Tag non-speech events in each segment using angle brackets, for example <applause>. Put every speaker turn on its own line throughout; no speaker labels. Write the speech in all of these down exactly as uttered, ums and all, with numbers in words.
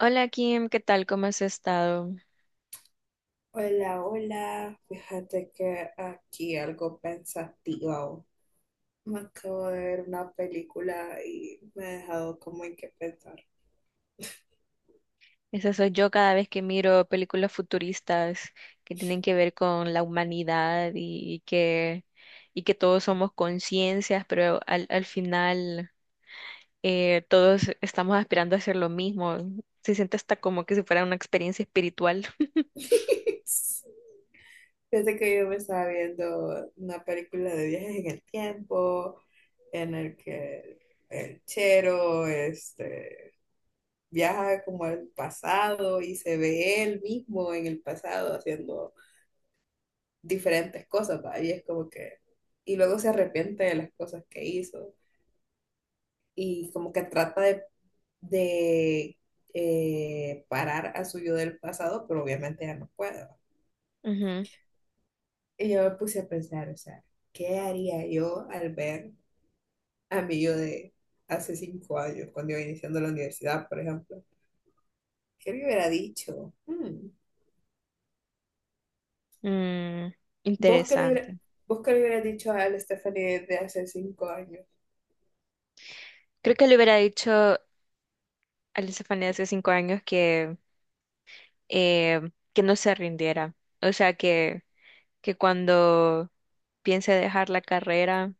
Hola Kim, ¿qué tal? ¿Cómo has estado?
Hola, hola. Fíjate que aquí algo pensativo. Me acabo de ver una película y me ha dejado como en qué pensar.
Esa soy yo cada vez que miro películas futuristas que tienen que ver con la humanidad y que, y que todos somos conciencias, pero al, al final eh, todos estamos aspirando a hacer lo mismo. Se siente hasta como que si fuera una experiencia espiritual. <laughs>
<laughs> Fíjate que yo me estaba viendo una película de viajes en el tiempo, en el que el chero este, viaja como al pasado y se ve él mismo en el pasado haciendo diferentes cosas, ¿va? Y es como que, y luego se arrepiente de las cosas que hizo y como que trata de, de, eh, parar a su yo del pasado, pero obviamente ya no puede.
Ujú.
Y yo me puse a pensar, o sea, ¿qué haría yo al ver a mi yo de hace cinco años, cuando iba iniciando la universidad, por ejemplo? ¿Qué le hubiera dicho? Hmm.
Mm,
¿Vos qué le hubiera-
interesante.
vos qué le hubieras dicho a la Stephanie de hace cinco años?
Creo que le hubiera dicho a Lisa Fanny hace cinco años que, eh, que no se rindiera. O sea, que que cuando piense dejar la carrera,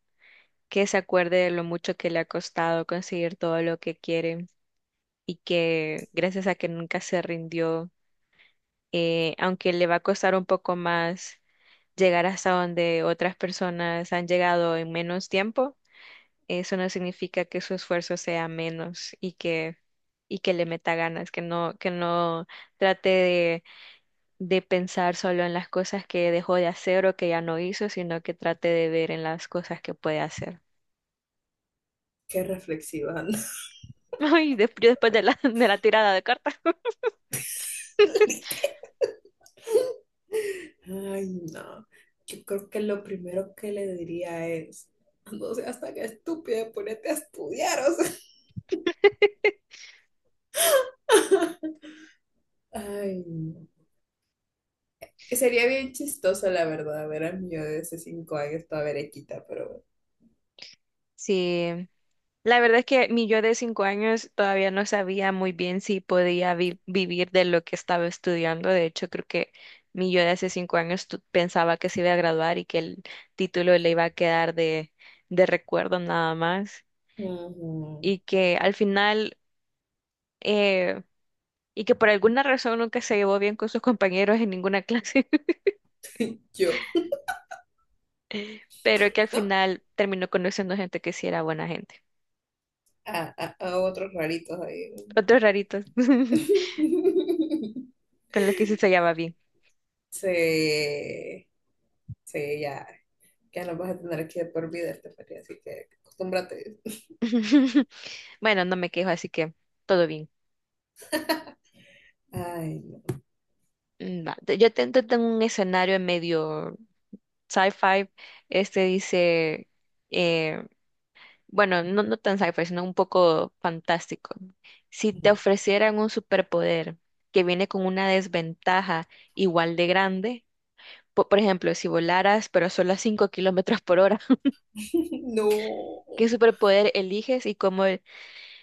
que se acuerde de lo mucho que le ha costado conseguir todo lo que quiere y que gracias a que nunca se rindió, eh, aunque le va a costar un poco más llegar hasta donde otras personas han llegado en menos tiempo, eso no significa que su esfuerzo sea menos y que y que le meta ganas, que no que no trate de de pensar solo en las cosas que dejó de hacer o que ya no hizo, sino que trate de ver en las cosas que puede hacer.
Qué reflexiva, ¿no?
<laughs> Ay, des- yo después de la, <laughs> de la tirada de cartas. <laughs>
Ay, no. Yo creo que lo primero que le diría es, no seas tan estúpida, ponete a estudiar, o sea. <laughs> Ay, no. Que sería bien chistoso, la verdad, ver a mí yo de hace cinco años toda berequita, pero bueno.
Sí, la verdad es que mi yo de cinco años todavía no sabía muy bien si podía vi- vivir de lo que estaba estudiando. De hecho, creo que mi yo de hace cinco años tu- pensaba que se iba a graduar y que el título le iba a quedar de, de recuerdo nada más.
Ujú.
Y que al final... eh, y que por alguna razón nunca se llevó bien con sus compañeros en ninguna clase, <laughs>
Yo,
pero que al
¿no?
final terminó conociendo gente que sí era buena gente.
A, a- a otros raritos ahí.
Otros raritos <laughs>
<laughs>
con los que sí se llevaba bien.
Sí, sí, ya, ya lo vas a tener aquí de por vida, Estefanía, así que acostúmbrate.
<laughs> Bueno, no me quejo, así que todo bien.
Ay, no.
Mm, va. Te- Yo ten- te tengo un escenario medio sci-fi. Este dice, eh, bueno, no, no tan sci-fi, sino un poco fantástico. Si te
Ujú.
ofrecieran un superpoder que viene con una desventaja igual de grande, po- por ejemplo, si volaras, pero solo a cinco kilómetros por hora. <laughs>
<laughs> No.
¿Qué superpoder eliges y cómo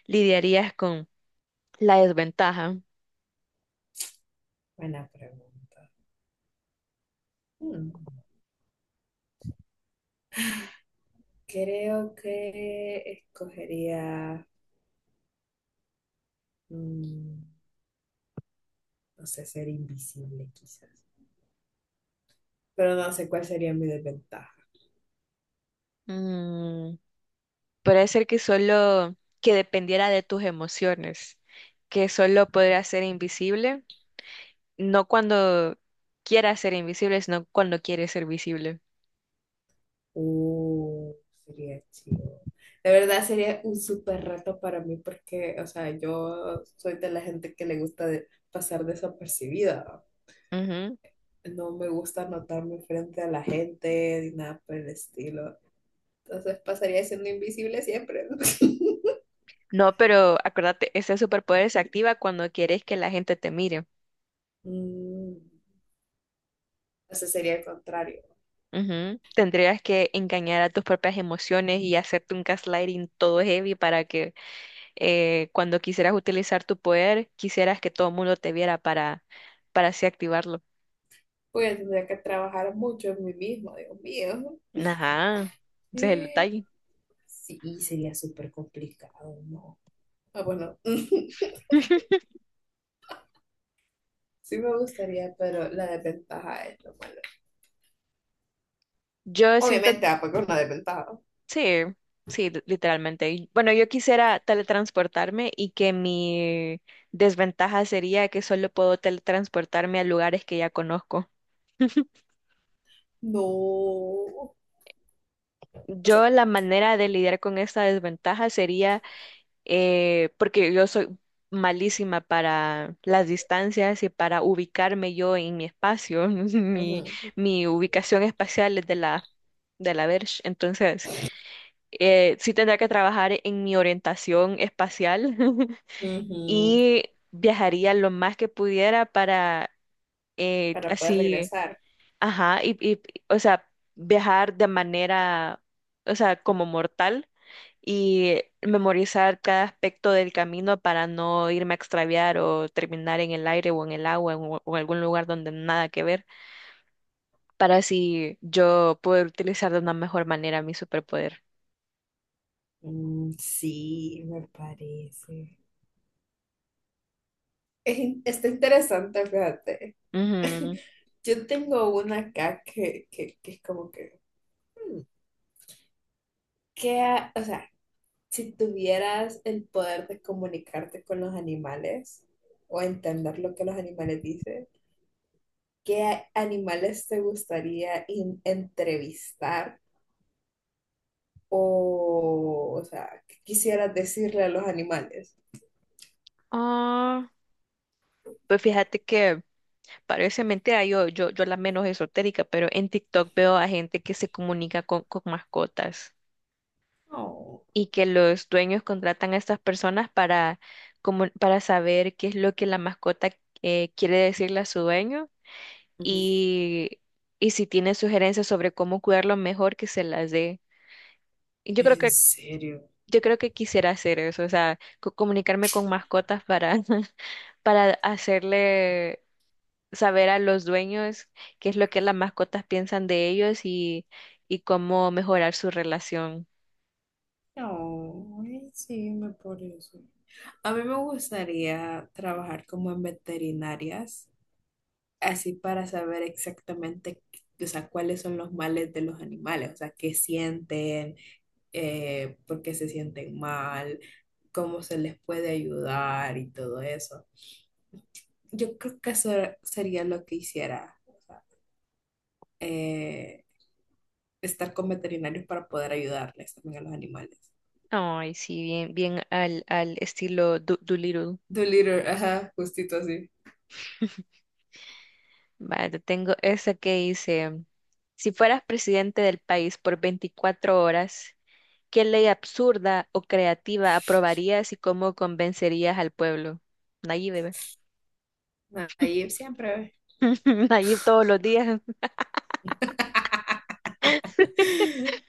lidiarías con la desventaja?
Buena pregunta. Hmm. Creo que escogería, mm, no sé, ser invisible quizás. Pero no sé cuál sería mi desventaja.
Mm, puede ser que solo que dependiera de tus emociones, que solo podrías ser invisible, no cuando quieras ser invisible, sino cuando quieres ser visible.
Uh, sería chido. De verdad sería un súper reto para mí porque, o sea, yo soy de la gente que le gusta de- pasar desapercibida.
Ujú.
No me gusta notarme frente a la gente ni nada por el estilo. Entonces pasaría siendo invisible siempre. <laughs>
No, pero acuérdate, ese superpoder se activa cuando quieres que la gente te mire.
Mm, Entonces sería el contrario.
Ujú. Tendrías que engañar a tus propias emociones y hacerte un gaslighting todo heavy para que eh, cuando quisieras utilizar tu poder, quisieras que todo el mundo te viera para, para así activarlo.
Voy a tener que trabajar mucho en mí mismo, Dios mío.
Ajá, ese es el
Eh,
detalle.
Sí, sería súper complicado, ¿no? Ah, bueno, <laughs>
<laughs>
sí me gustaría, pero la desventaja es lo malo.
Yo siento,
Obviamente, ah, porque es una desventaja.
sí, sí, li- literalmente. Y bueno, yo quisiera teletransportarme y que mi desventaja sería que solo puedo teletransportarme a lugares que ya conozco. <laughs>
No. O sea,
Yo la manera de lidiar con esta desventaja sería eh, porque yo soy malísima para las distancias y para ubicarme yo en mi espacio, <laughs> mi,
ujú,
mi ubicación espacial es de la, de la Verge, entonces eh, sí tendría que trabajar en mi orientación espacial <laughs>
ujú,
y viajaría lo más que pudiera para eh,
para poder
así,
regresar.
ajá, y, y, o sea, viajar de manera, o sea, como mortal y memorizar cada aspecto del camino para no irme a extraviar o terminar en el aire o en el agua o, o algún lugar donde nada que ver, para así yo poder utilizar de una mejor manera mi superpoder.
Mm, sí, me parece. Es in- está interesante, fíjate.
Ujú.
Yo tengo una acá que, que, que es como que, hmm, ¿qué ha- o sea, si tuvieras el poder de comunicarte con los animales o entender lo que los animales dicen, ¿qué a- animales te gustaría in- entrevistar o, o sea, qué quisieras decirle a los animales?
Ah, pues fíjate que parece mentira, yo, yo, yo la menos esotérica, pero en TikTok veo a gente que se comunica con, con mascotas
Oh,
y que los dueños contratan a estas personas para, como, para saber qué es lo que la mascota eh, quiere decirle a su dueño
ujú.
y, y si tiene sugerencias sobre cómo cuidarlo mejor, que se las dé. Y Yo creo
¿En
que,
serio?
yo creo que quisiera hacer eso, o sea, co- comunicarme con mascotas para, <laughs> para hacerle saber a los dueños qué es lo que las mascotas piensan de ellos y, y cómo mejorar su relación.
No, ay, sí, me por eso. A mí me gustaría trabajar como en veterinarias así para saber exactamente, o sea, cuáles son los males de los animales, o sea, qué sienten, eh, por qué se sienten mal, cómo se les puede ayudar y todo eso. Yo creo que eso sería lo que hiciera, o sea, eh, estar con veterinarios para poder ayudarles también a los animales.
Ay, sí, bien, bien al, al estilo Do- Doolittle.
Dolittle, ajá, justito así.
<laughs> Vale, te tengo esa que dice, si fueras presidente del país por veinticuatro horas, ¿qué ley absurda o creativa aprobarías y cómo convencerías al pueblo? Nayib, bebé.
Ahí siempre.
<laughs> Nayib todos los días. <laughs>
<laughs>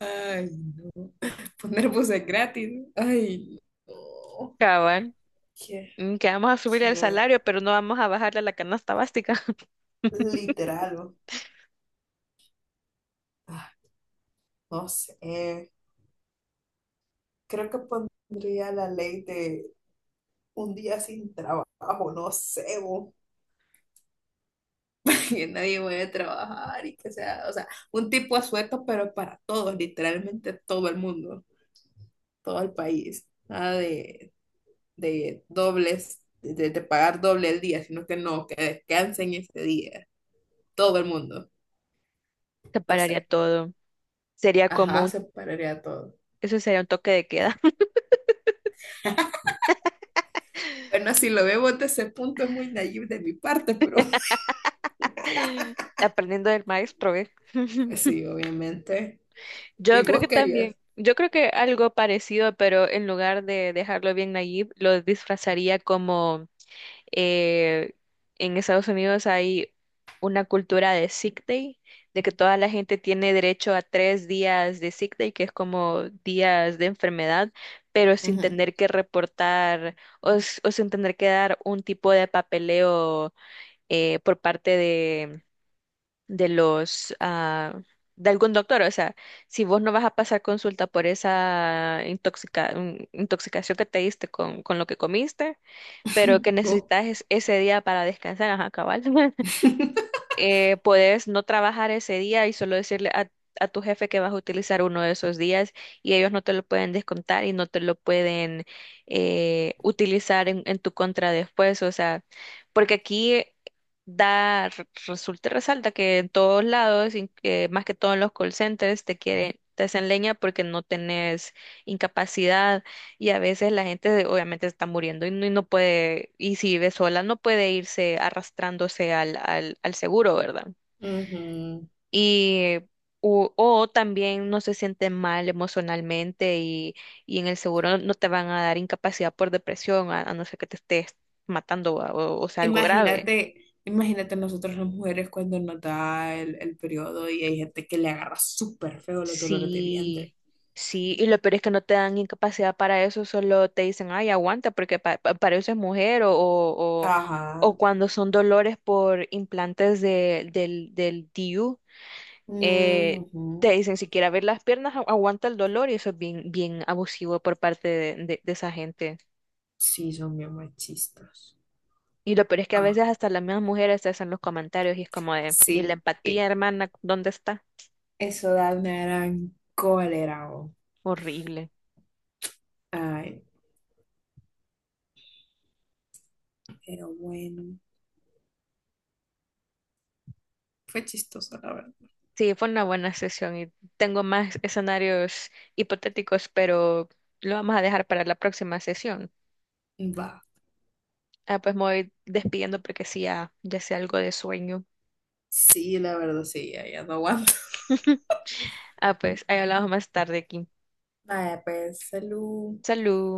Ay, no. Poner buses gratis. Ay, no.
Cabal.
Quiero,
Mm, que vamos a subir el
quiero
salario, pero no vamos a bajarle a la canasta básica. <laughs>
literal, o- ah, no sé, creo que pondría la ley de un día sin trabajo, no sé, o <laughs> que nadie vaya a trabajar y que sea, o sea, un tipo de sueldo, pero para todos, literalmente todo el mundo, todo el país, nada de, de dobles, de, de pagar doble el día, sino que no, que descansen ese día, todo el mundo,
Se
no
pararía
sé,
todo. Sería como
ajá,
un-
separaría todo.
eso sería un toque de queda.
Bueno, si lo vemos desde ese punto es muy naive de mi parte, pero...
<laughs> Aprendiendo del maestro, ¿eh?
Pues
<laughs>
sí, obviamente. ¿Y
Yo creo
vos
que también,
querías?
yo creo que algo parecido, pero en lugar de dejarlo bien Nayib, lo disfrazaría como eh, en Estados Unidos hay una cultura de sick day, de que toda la gente tiene derecho a tres días de sick day, que es como días de enfermedad, pero sin
Ujú.
tener que reportar o, s- o sin tener que dar un tipo de papeleo eh, por parte de, de los... ah, de algún doctor, o sea, si vos no vas a pasar consulta por esa intoxica- intoxicación que te diste con, con lo que comiste, pero que
<laughs> ¿Vos?
necesitas es- ese día para descansar, ajá, cabal. <laughs>
<laughs>
Eh, puedes no trabajar ese día y solo decirle a, a tu jefe que vas a utilizar uno de esos días y ellos no te lo pueden descontar y no te lo pueden eh, utilizar en, en tu contra después, o sea, porque aquí da, re- resulta, y resalta que en todos lados, in- eh, más que todo en los call centers, te quieren, te hacen leña porque no tenés incapacidad y a veces la gente obviamente está muriendo y no, y no puede, y si vive sola, no puede irse arrastrándose al, al, al seguro, ¿verdad?
Ujú.
Y o, o también no se siente mal emocionalmente y, y en el seguro no no te van a dar incapacidad por depresión, a, a no ser que te estés matando o, o sea algo grave.
Imagínate, imagínate nosotros las mujeres cuando nos da el, el periodo y hay gente que le agarra súper feo los dolores de vientre.
Sí, sí, y lo peor es que no te dan incapacidad para eso, solo te dicen, ay, aguanta, porque pa- pa- para eso es mujer, o, o, o
Ajá.
cuando son dolores por implantes de, del, del D I U,
Mm,
eh,
ujú.
te dicen, si quieres abrir las piernas, agu- aguanta el dolor, y eso es bien, bien abusivo por parte de, de, de esa gente.
Sí, son bien machistas.
Y lo peor es que a
Ah,
veces hasta las mismas mujeres te hacen los comentarios y es como de, ¿y la
sí,
empatía,
y
hermana, dónde está?
eso da una gran cólera. Oh.
Horrible.
Ay, pero bueno, fue chistoso, la verdad.
Sí, fue una buena sesión y tengo más escenarios hipotéticos, pero lo vamos a dejar para la próxima sesión.
Va.
Ah, pues me voy despidiendo porque sí, ya, ya sé algo de sueño.
Sí, la verdad, sí, ya, ya no aguanto.
<laughs>
<laughs>
Ah, pues ahí hablamos más tarde, Kim.
Vaya, pues, salud.
Salud.